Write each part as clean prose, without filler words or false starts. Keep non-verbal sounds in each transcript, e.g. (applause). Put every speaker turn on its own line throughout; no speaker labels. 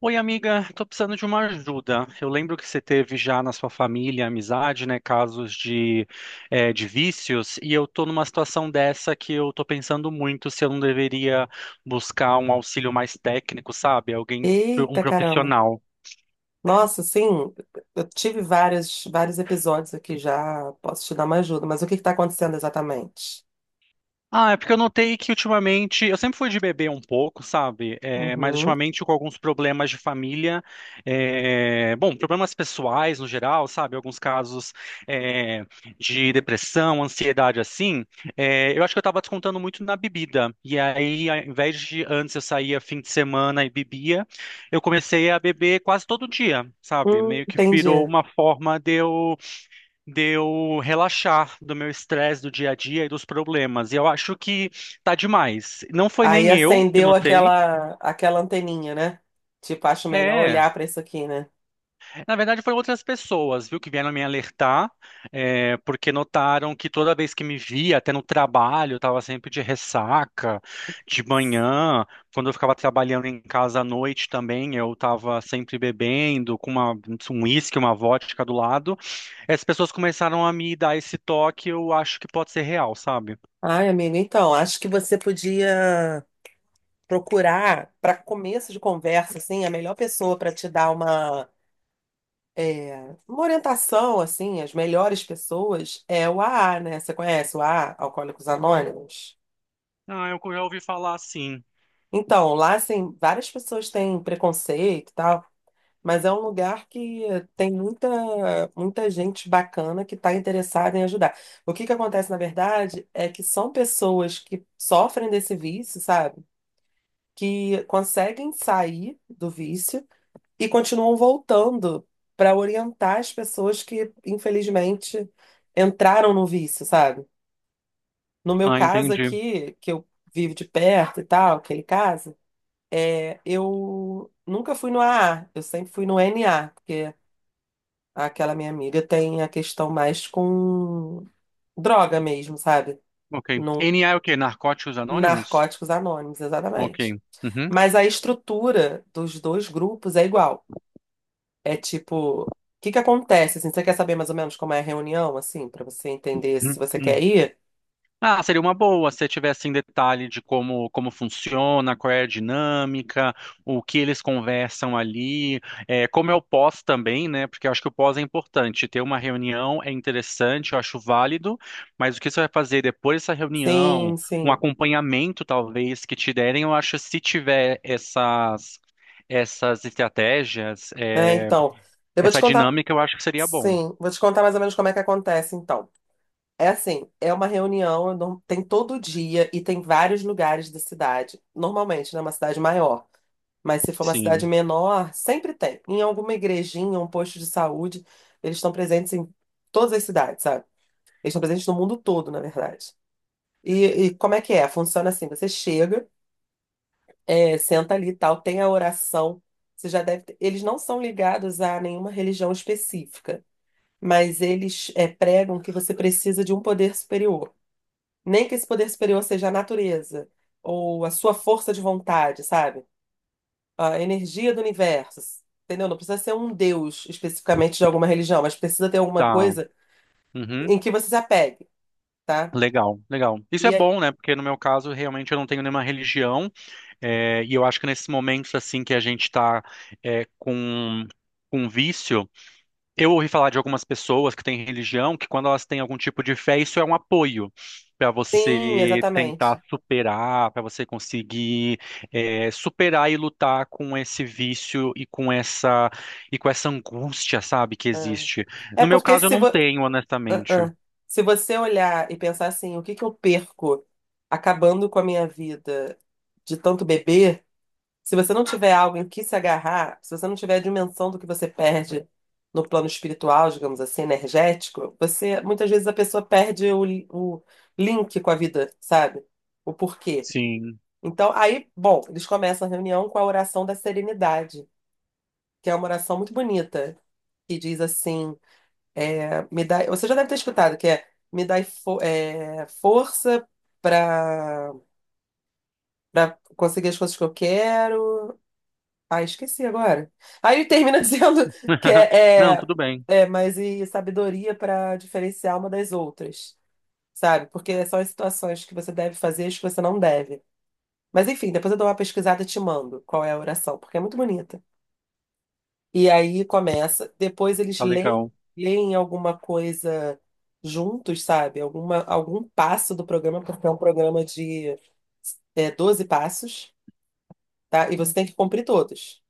Oi, amiga, estou precisando de uma ajuda. Eu lembro que você teve já na sua família, amizade, né, casos de vícios, e eu estou numa situação dessa que eu estou pensando muito se eu não deveria buscar um auxílio mais técnico, sabe? Alguém, um
Eita caramba.
profissional.
Nossa, sim, eu tive vários, vários episódios aqui já. Posso te dar uma ajuda, mas o que está acontecendo exatamente?
Ah, é porque eu notei que ultimamente, eu sempre fui de beber um pouco, sabe? É, mas
Uhum.
ultimamente com alguns problemas de família, bom, problemas pessoais no geral, sabe? Alguns casos é, de depressão, ansiedade assim, eu acho que eu tava descontando muito na bebida. E aí, ao invés de antes eu saía fim de semana e bebia, eu comecei a beber quase todo dia, sabe? Meio que virou
Entendi.
uma forma de eu relaxar do meu estresse do dia a dia e dos problemas. E eu acho que tá demais. Não foi
Aí
nem eu que
acendeu
notei.
aquela anteninha, né? Tipo, acho melhor
É,
olhar para isso aqui, né?
na verdade foram outras pessoas, viu, que vieram me alertar, porque notaram que toda vez que me via, até no trabalho, eu estava sempre de ressaca, de manhã, quando eu ficava trabalhando em casa à noite também, eu estava sempre bebendo, com um uísque, uma vodka do lado. As pessoas começaram a me dar esse toque, eu acho que pode ser real, sabe?
Ai, amigo, então, acho que você podia procurar, para começo de conversa, assim, a melhor pessoa para te dar uma. É, uma orientação, assim, as melhores pessoas é o AA, né? Você conhece o AA, Alcoólicos Anônimos?
Ah, eu já ouvi falar sim.
Então, lá, assim, várias pessoas têm preconceito e tal, mas é um lugar que tem muita, muita gente bacana que está interessada em ajudar. O que que acontece, na verdade, é que são pessoas que sofrem desse vício, sabe? Que conseguem sair do vício e continuam voltando para orientar as pessoas que, infelizmente, entraram no vício, sabe? No meu
Ah,
caso
entendi.
aqui, que eu vivo de perto e tal, aquele caso, é, eu nunca fui no AA, eu sempre fui no NA, porque aquela minha amiga tem a questão mais com droga mesmo, sabe?
Ok.
No
NA é o quê? Narcóticos Anônimos?
Narcóticos Anônimos,
Ok.
exatamente.
Uhum.
Mas a estrutura dos dois grupos é igual. É tipo, o que que acontece? Assim, você quer saber mais ou menos como é a reunião, assim, pra você entender se você
Uhum.
quer ir?
Ah, seria uma boa se tivesse em detalhe de como funciona, qual é a dinâmica, o que eles conversam ali, como é o pós também, né? Porque eu acho que o pós é importante. Ter uma reunião é interessante, eu acho válido, mas o que você vai fazer depois dessa
Sim,
reunião, um
sim.
acompanhamento talvez que te derem, eu acho que se tiver essas estratégias,
É, então, eu vou te
essa
contar.
dinâmica, eu acho que seria bom.
Sim, vou te contar mais ou menos como é que acontece, então. É assim, é uma reunião, eu não- tem todo dia e tem vários lugares da cidade. Normalmente, né, uma cidade maior. Mas se for uma cidade
Sim,
menor, sempre tem. Em alguma igrejinha, um posto de saúde, eles estão presentes em todas as cidades, sabe? Eles estão presentes no mundo todo, na verdade. E como é que é? Funciona assim: você chega, senta ali e tal, tem a oração. Você já deve ter- Eles não são ligados a nenhuma religião específica, mas eles pregam que você precisa de um poder superior. Nem que esse poder superior seja a natureza, ou a sua força de vontade, sabe? A energia do universo. Entendeu? Não precisa ser um deus especificamente de alguma religião, mas precisa ter alguma
tá.
coisa
Uhum.
em que você se apegue, tá?
Legal, legal.
E
Isso é
é-
bom, né? Porque no meu caso, realmente eu não tenho nenhuma religião, e eu acho que nesses momentos assim que a gente está com com vício, eu ouvi falar de algumas pessoas que têm religião que quando elas têm algum tipo de fé, isso é um apoio para
sim,
você tentar
exatamente.
superar, para você conseguir superar e lutar com esse vício e com essa angústia, sabe, que
É.
existe.
É
No meu
porque
caso, eu
se,
não
vo-
tenho,
Ah,
honestamente.
ah. Se você olhar e pensar assim, o que que eu perco acabando com a minha vida de tanto beber? Se você não tiver algo em que se agarrar, se você não tiver a dimensão do que você perde no plano espiritual, digamos assim, energético, você muitas vezes a pessoa perde o link com a vida, sabe? O porquê.
Sim.
Então, aí, bom, eles começam a reunião com a oração da serenidade, que é uma oração muito bonita, que diz assim me dá, você já deve ter escutado, que é me dá força para para conseguir as coisas que eu quero. Ah, esqueci agora. Aí ele termina (laughs) dizendo que
(laughs) Não, tudo bem.
mas e sabedoria para diferenciar uma das outras, sabe? Porque são as situações que você deve fazer e as que você não deve. Mas enfim, depois eu dou uma pesquisada e te mando qual é a oração, porque é muito bonita. E aí começa. Depois eles
Tá
leem,
legal,
leem alguma coisa juntos, sabe? Alguma, algum passo do programa, porque é um programa de 12 passos, tá? E você tem que cumprir todos.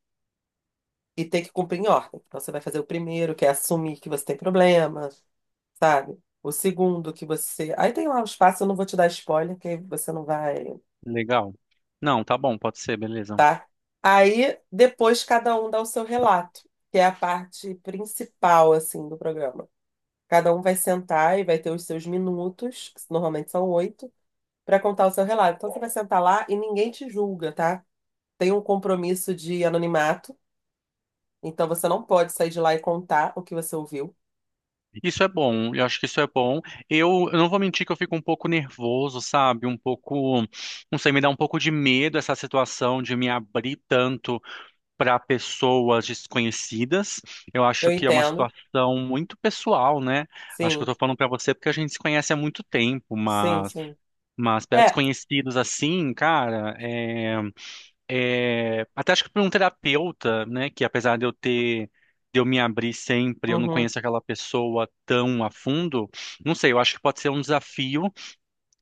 E tem que cumprir em ordem. Então você vai fazer o primeiro, que é assumir que você tem problema, sabe? O segundo, que você. Aí tem lá os passos, eu não vou te dar spoiler, que aí você não vai,
legal. Não, tá bom, pode ser, beleza.
tá? Aí depois cada um dá o seu relato, que é a parte principal, assim, do programa. Cada um vai sentar e vai ter os seus minutos, que normalmente são oito, para contar o seu relato. Então você vai sentar lá e ninguém te julga, tá? Tem um compromisso de anonimato, então você não pode sair de lá e contar o que você ouviu.
Isso é bom, eu acho que isso é bom. Eu não vou mentir que eu fico um pouco nervoso, sabe? Um pouco, não sei, me dá um pouco de medo essa situação de me abrir tanto para pessoas desconhecidas. Eu
Eu
acho que é uma
entendo.
situação muito pessoal, né? Acho que eu
Sim,
tô falando para você porque a gente se conhece há muito tempo,
sim,
mas,
sim.
mas para
É,
desconhecidos assim, cara, é. É, até acho que para um terapeuta, né, que apesar de eu me abrir sempre, eu não
uhum,
conheço aquela pessoa tão a fundo, não sei, eu acho que pode ser um desafio,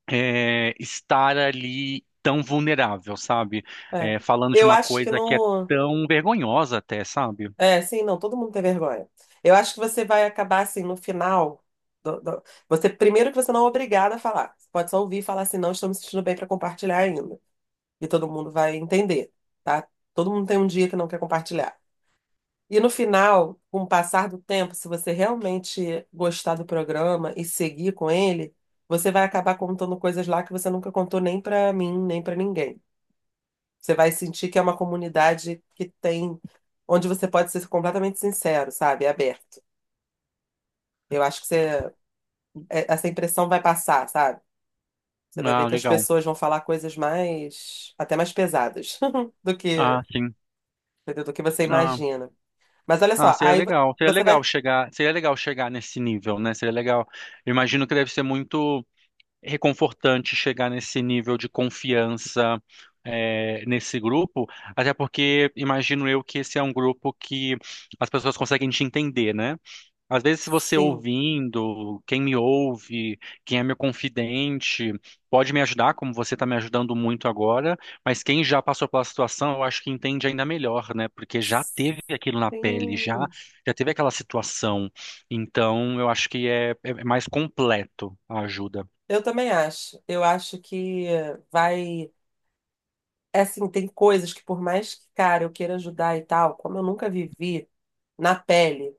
estar ali tão vulnerável, sabe?
é.
É, falando de
Eu
uma
acho que
coisa que é
no.
tão vergonhosa até, sabe?
É, sim, não, todo mundo tem vergonha. Eu acho que você vai acabar assim, no final. do- do- Você, primeiro que você não é obrigada a falar. Você pode só ouvir e falar assim, não, estou me sentindo bem para compartilhar ainda. E todo mundo vai entender, tá? Todo mundo tem um dia que não quer compartilhar. E no final, com o passar do tempo, se você realmente gostar do programa e seguir com ele, você vai acabar contando coisas lá que você nunca contou nem pra mim, nem pra ninguém. Você vai sentir que é uma comunidade que tem, onde você pode ser completamente sincero, sabe? Aberto. Eu acho que você, essa impressão vai passar, sabe? Você vai ver
Ah,
que as
legal.
pessoas vão falar coisas mais, até mais pesadas (laughs) do que,
Ah, sim.
entendeu? Do que você
Ah,
imagina. Mas olha
ah,
só,
seria legal. Seria
você
legal
vai.
chegar, seria legal chegar nesse nível, né? Seria legal. Eu imagino que deve ser muito reconfortante chegar nesse nível de confiança nesse grupo, até porque imagino eu que esse é um grupo que as pessoas conseguem te entender, né? Às vezes, se você
Sim.
ouvindo, quem me ouve, quem é meu confidente, pode me ajudar, como você está me ajudando muito agora, mas quem já passou pela situação, eu acho que entende ainda melhor, né? Porque já teve aquilo na pele, já,
Sim.
já teve aquela situação. Então, eu acho que é mais completo a ajuda.
Eu também acho. Eu acho que vai. É assim, tem coisas que, por mais que, cara, eu queira ajudar e tal, como eu nunca vivi na pele,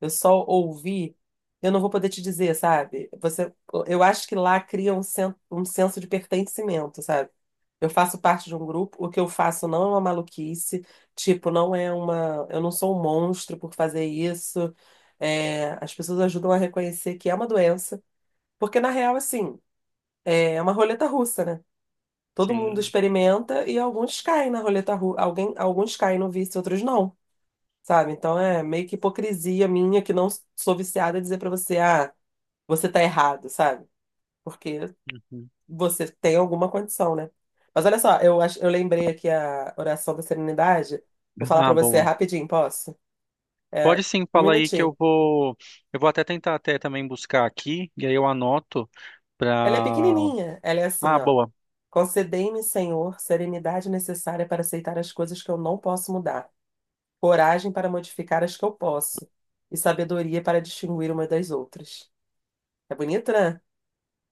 eu só ouvi, eu não vou poder te dizer, sabe? Você, eu acho que lá cria um senso de pertencimento, sabe? Eu faço parte de um grupo, o que eu faço não é uma maluquice, tipo, não é uma. Eu não sou um monstro por fazer isso. É, as pessoas ajudam a reconhecer que é uma doença, porque na real, assim, é uma roleta russa, né? Todo mundo
Sim.
experimenta e alguns caem na roleta russa, alguns caem no vício, outros não, sabe? Então é meio que hipocrisia minha que não sou viciada dizer pra você, ah, você tá errado, sabe? Porque
Uhum.
você tem alguma condição, né? Mas olha só, eu lembrei aqui a oração da Serenidade. Vou falar pra
Ah,
você
boa.
rapidinho, posso? É,
Pode sim,
um
fala aí que
minutinho.
eu vou até tentar até também buscar aqui e aí eu anoto
Ela é
pra.
pequenininha. Ela é assim,
Ah,
ó.
boa.
Concedei-me, Senhor, serenidade necessária para aceitar as coisas que eu não posso mudar, coragem para modificar as que eu posso e sabedoria para distinguir uma das outras. É bonito, né?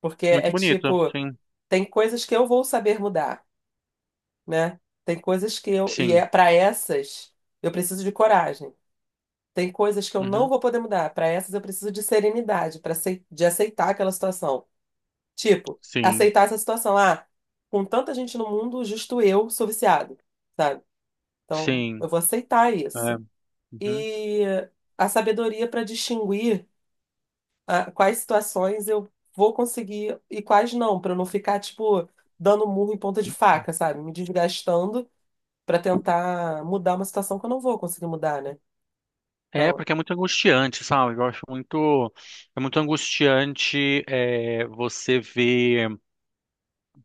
Porque
Muito
é
bonito.
tipo,
Sim,
tem coisas que eu vou saber mudar, né? Tem coisas que eu e
sim.
é para essas eu preciso de coragem. Tem coisas que eu não
Uhum.
vou poder mudar. Para essas eu preciso de serenidade, para de aceitar aquela situação. Tipo,
Sim,
aceitar essa situação. Ah, com tanta gente no mundo, justo eu sou viciado, sabe? Então,
sim.
eu vou aceitar
É.
isso.
Uhum.
E a sabedoria para distinguir ah, quais situações eu vou conseguir e quais não, para eu não ficar, tipo, dando murro em ponta de faca, sabe? Me desgastando para tentar mudar uma situação que eu não vou conseguir mudar, né?
É,
Então,
porque é muito angustiante, sabe? É muito angustiante você ver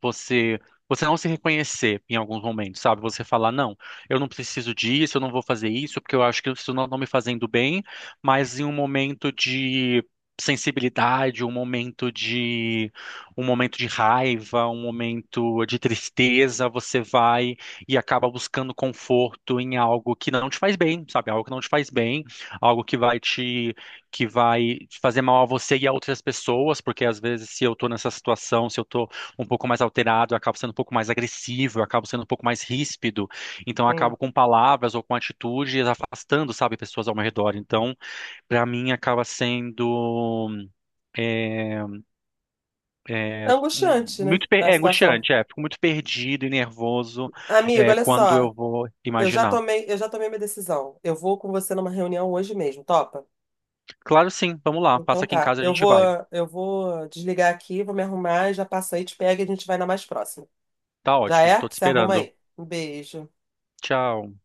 você você não se reconhecer em alguns momentos, sabe? Você falar, não, eu não preciso disso, eu não vou fazer isso, porque eu acho que isso não está me fazendo bem, mas em um momento de sensibilidade, um momento de raiva, um momento de tristeza, você vai e acaba buscando conforto em algo que não te faz bem, sabe? Algo que não te faz bem, algo que vai fazer mal a você e a outras pessoas, porque às vezes se eu tô nessa situação, se eu tô um pouco mais alterado, eu acabo sendo um pouco mais agressivo, eu acabo sendo um pouco mais ríspido. Então, eu acabo
sim.
com palavras ou com atitudes afastando, sabe, pessoas ao meu redor. Então, para mim, acaba sendo é,
É angustiante, né?
muito
A situação.
angustiante, é. Fico muito perdido e nervoso
Amigo, olha
quando
só,
eu vou
eu já
imaginar.
tomei, eu já tomei minha decisão. Eu vou com você numa reunião hoje mesmo, topa?
Claro, sim. Vamos lá.
Então
Passa aqui em
tá,
casa e a
eu
gente
vou,
vai.
eu vou desligar aqui, vou me arrumar, e já passo aí, te pega e a gente vai na mais próxima.
Tá
Já
ótimo.
é?
Tô te
Se arruma
esperando.
aí. Um beijo.
Tchau.